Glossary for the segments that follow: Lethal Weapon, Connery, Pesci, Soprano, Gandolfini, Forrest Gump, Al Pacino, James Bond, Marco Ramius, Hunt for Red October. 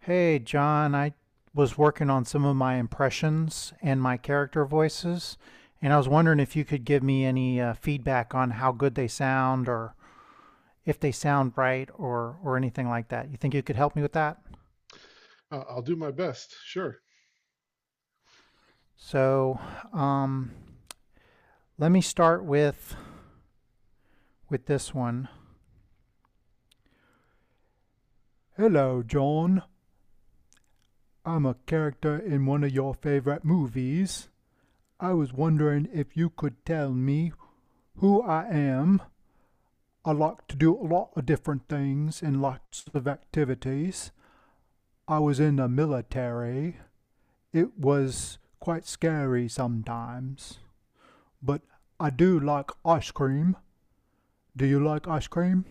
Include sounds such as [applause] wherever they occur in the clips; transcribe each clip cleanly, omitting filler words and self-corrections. Hey, John, I was working on some of my impressions and my character voices, and I was wondering if you could give me any feedback on how good they sound, or if they sound right, or anything like that. You think you could help me with that? I'll do my best. Sure. So, um, Let me start with this one. Hello, John. I'm a character in one of your favorite movies. I was wondering if you could tell me who I am. I like to do a lot of different things and lots of activities. I was in the military. It was quite scary sometimes, but I do like ice cream. Do you like ice cream?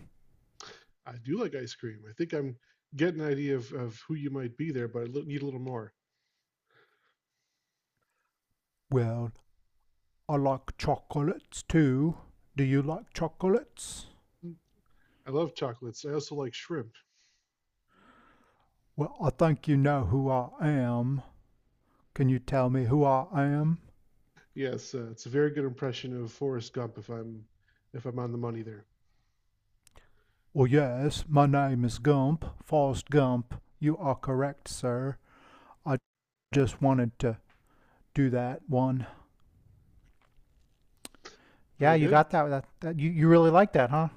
I do like ice cream. I think I'm getting an idea of who you might be there, but need a little more. Well, I like chocolates too. Do you like chocolates? Mm. I love chocolates. I also like shrimp. Well, I think you know who I am. Can you tell me who I am? Yes, it's a very good impression of Forrest Gump if I'm on the money there. Well, yes, my name is Gump, Forrest Gump. You are correct, sir. I just wanted to do that one. Yeah, Very you good. got that. That you, you really like that, huh?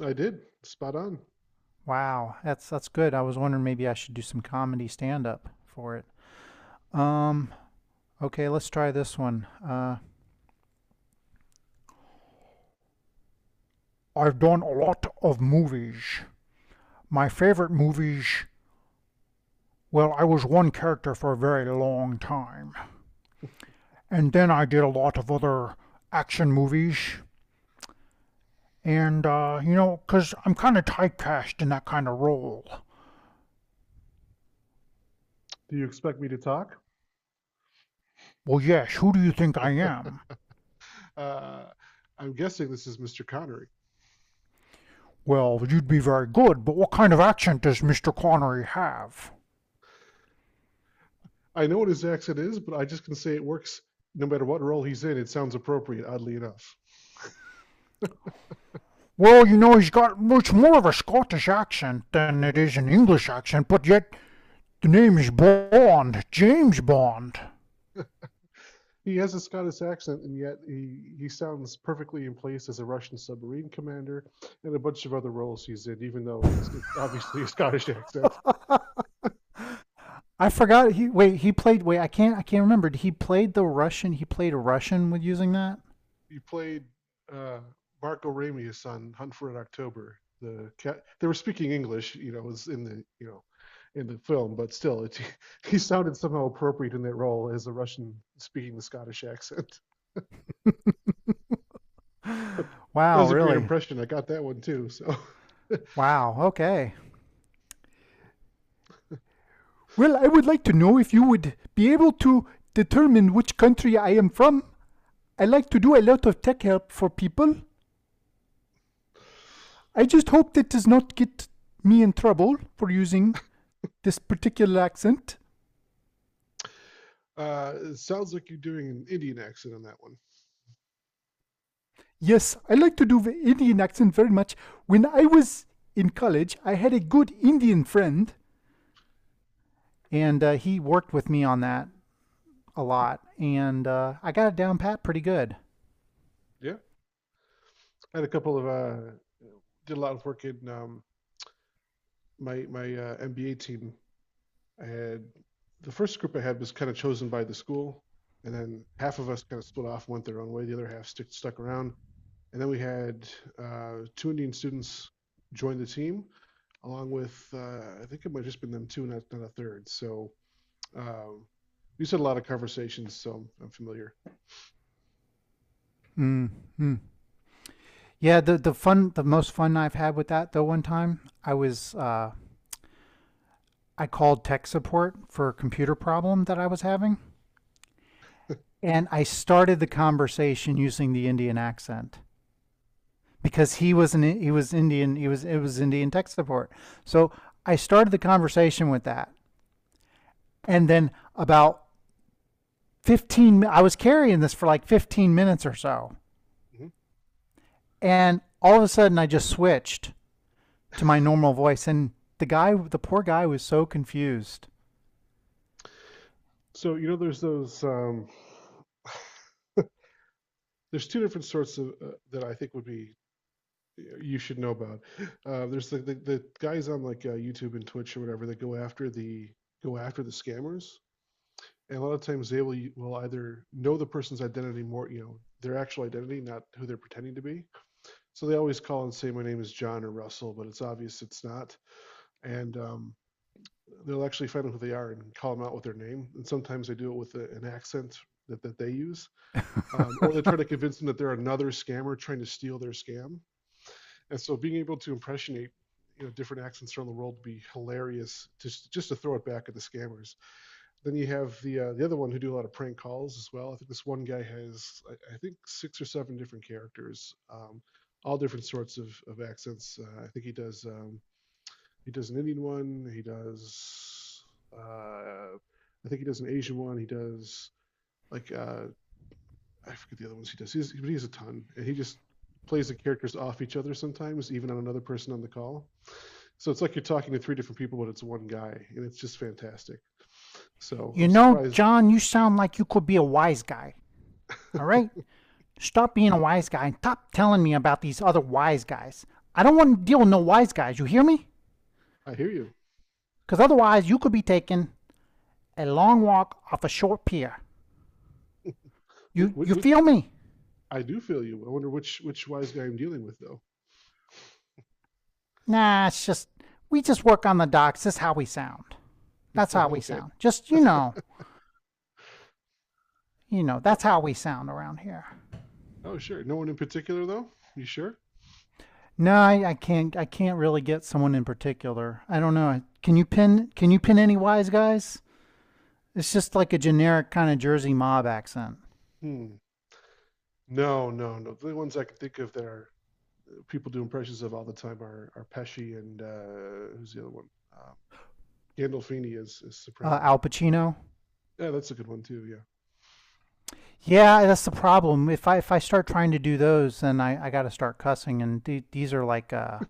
I did. Spot on. Wow, that's good. I was wondering maybe I should do some comedy stand up for it. Um, okay, let's try this one. I've done a lot of movies. My favorite movies, well, I was one character for a very long time. And then I did a lot of other action movies. And, you know, 'cause I'm kind of typecast in that kind of role. Do you expect me to talk? Well, yes, who do you think I am? Uh, I'm guessing this is Mr. Connery. Well, you'd be very good, but what kind of accent does Mr. Connery have? I know what his accent is, but I just can say it works no matter what role he's in. It sounds appropriate, oddly enough. Well, you know, he's got much more of a Scottish accent than it Mhm. is an English accent, but yet the name is Bond, James Bond. He has a Scottish accent, and yet he sounds perfectly in place as a Russian submarine commander and a bunch of other roles he's in, even though it's obviously a [laughs] Scottish accent. I forgot. He wait. He played. Wait. I can't. I can't remember. He played the Russian. He played a Russian with using that. He played uh, Marco Ramius on Hunt for Red October. The cat, they were speaking English, was in the you know in the film, but still, [laughs] he sounded somehow appropriate in that role as a Russian speaking the Scottish accent. [laughs] But that Wow. was a great Really. impression. I got that one too. So. [laughs] Wow. Okay. Well, I would like to know if you would be able to determine which country I am from. I like to do a lot of tech help for people. I just hope that does not get me in trouble for using this particular accent. It sounds like you're doing an Indian accent on that one. Yes, I like to do the Indian accent very much. When I was in college, I had a good Indian friend, and he worked with me on that a lot, and I got it down pat pretty good. Yeah, I had a couple of did a lot of work in my MBA team. I had the first group I had was kind of chosen by the school, and then half of us kind of split off, went their own way. The other half stuck around, and then we had two Indian students join the team, along with I think it might have just been them two, not a third. So um, we just had a lot of conversations, so I'm familiar. Mm, mm. Yeah, the fun, the most fun I've had with that though. One time, I was I called tech support for a computer problem that I was having, and I started the conversation using the Indian accent, because he was Indian, he was it was Indian tech support. So I started the conversation with that, and then about fifteen I was carrying this for like 15 minutes or so, Mm-hmm. and all of a sudden I just switched to my normal voice, and the poor guy was so confused. So, there's those there's two different sorts of that I think would be you should know about. There's the guys on like YouTube and Twitch or whatever that go after the scammers, and a lot of times they will either know the person's identity more, their actual identity, not who they're pretending to be. So they always call and say, "My name is John or Russell," but it's obvious it's not, and they'll actually find out who they are and call them out with their name. And sometimes they do it with an accent that they use, or they try to convince them that they're another scammer trying to steal their scam, and so being able to impressionate different accents around the world would be hilarious, to, just to throw it back at the scammers. Then you have the other one who do a lot of prank calls as well. I think this one guy has, I think, six or seven different characters, all different sorts of accents. I think he does an Indian one. He does uh, I think he does an Asian one. He does like I forget the other ones he does. But he has a ton, and he just plays the characters off each other sometimes, even on another person on the call. So it's like you're talking to three different people, but it's one guy, and it's just fantastic. So You I'm know, surprised. John, you sound like you could be a wise guy. All right, stop being a wise guy and stop telling me about these other wise guys. I don't want to deal with no wise guys. You hear me? I hear you. Because otherwise, you could be taken a long walk off a short pier. Wh- You wh- you wh- feel me? I do feel you. I wonder which wise guy I'm dealing with, though. Nah, it's just we just work on the docks. This is how we sound. That's [laughs] how we Okay. sound. Just you know, No, that's how we sound around here. oh, sure. No one in particular, though. You sure? No, I can't I can't really get someone in particular. I don't know. Can you pin any wise guys? It's just like a generic kind of Jersey mob accent. Hmm. No, no, no. The ones I can think of that are people do impressions of all the time are Pesci and, who's the other one? Um, Gandolfini is Soprano. Al Pacino. Yeah, that's a good one too. Yeah, Yeah, that's the problem. If I start trying to do those, then I got to start cussing, and these are like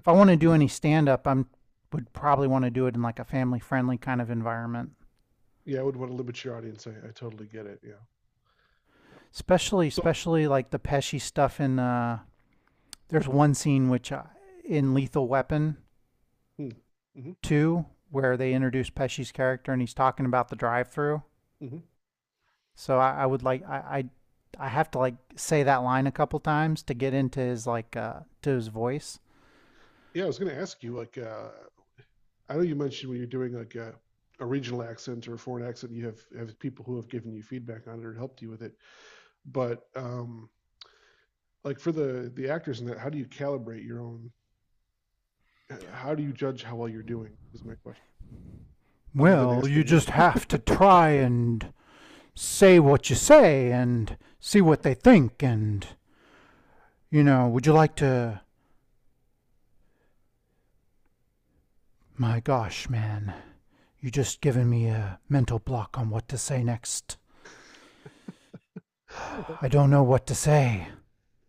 if I want to do any stand up, I would probably want to do it in like a family friendly kind of environment. yeah, I would want to limit your audience. I totally get it. Yeah, yeah. So, Especially like the Pesci stuff in. There's one scene which in Lethal Weapon hmm, hmm two where they introduce Pesci's character and he's talking about the drive through. hmm So I would like I have to like say that line a couple times to get into his like to his voice. yeah, I was going to ask you. Like, I know you mentioned when you're doing like a regional accent or a foreign accent, you have people who have given you feedback on it or helped you with it. But like for the actors in that, how do you calibrate your own? How do you judge how well you're doing? Is my question. Other than Well, you asking me. just [laughs] have to try and say what you say and see what they think. And you know, would you like to my gosh, man, you just given me a mental block on what to say next. I don't know what to say.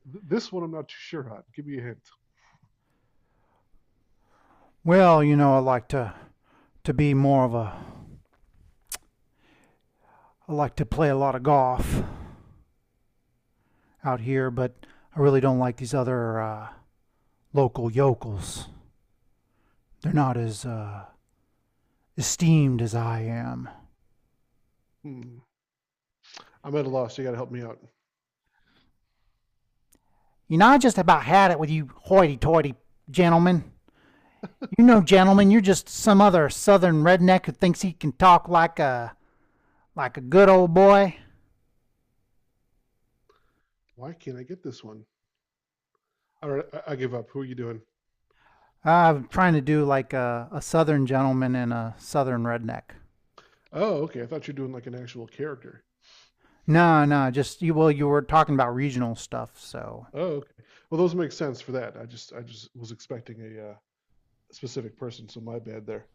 This one I'm not too sure on. Give me a hint. Well, you know, I like to be more of a I like to play a lot of golf out here, but I really don't like these other local yokels. They're not as esteemed as I am. Hmm. I'm at a loss. You got to help me out. You know, I just about had it with you hoity-toity gentlemen. You know, gentlemen, you're just some other southern redneck who thinks he can talk like a good old boy. Why can't I get this one? All right, I give up. Who are you doing? I'm trying to do like a southern gentleman and a southern redneck. Oh, okay. I thought you were doing like an actual character. No, no, just you. Well, you were talking about regional stuff, so Oh, okay. Well, those make sense for that. I just was expecting a specific person, so my bad there.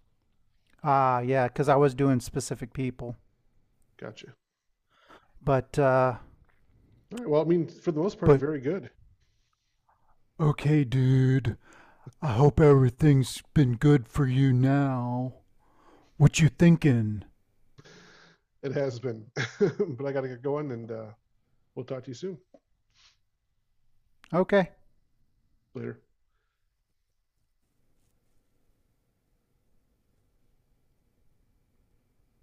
yeah, because I was doing specific people, Gotcha. but uh, All right. Well, I mean, for the most part, but very good. okay, dude, uh, things been good for you now. What you thinking? It has been. [laughs] But I got to get going, and we'll talk to you soon. Okay, Later.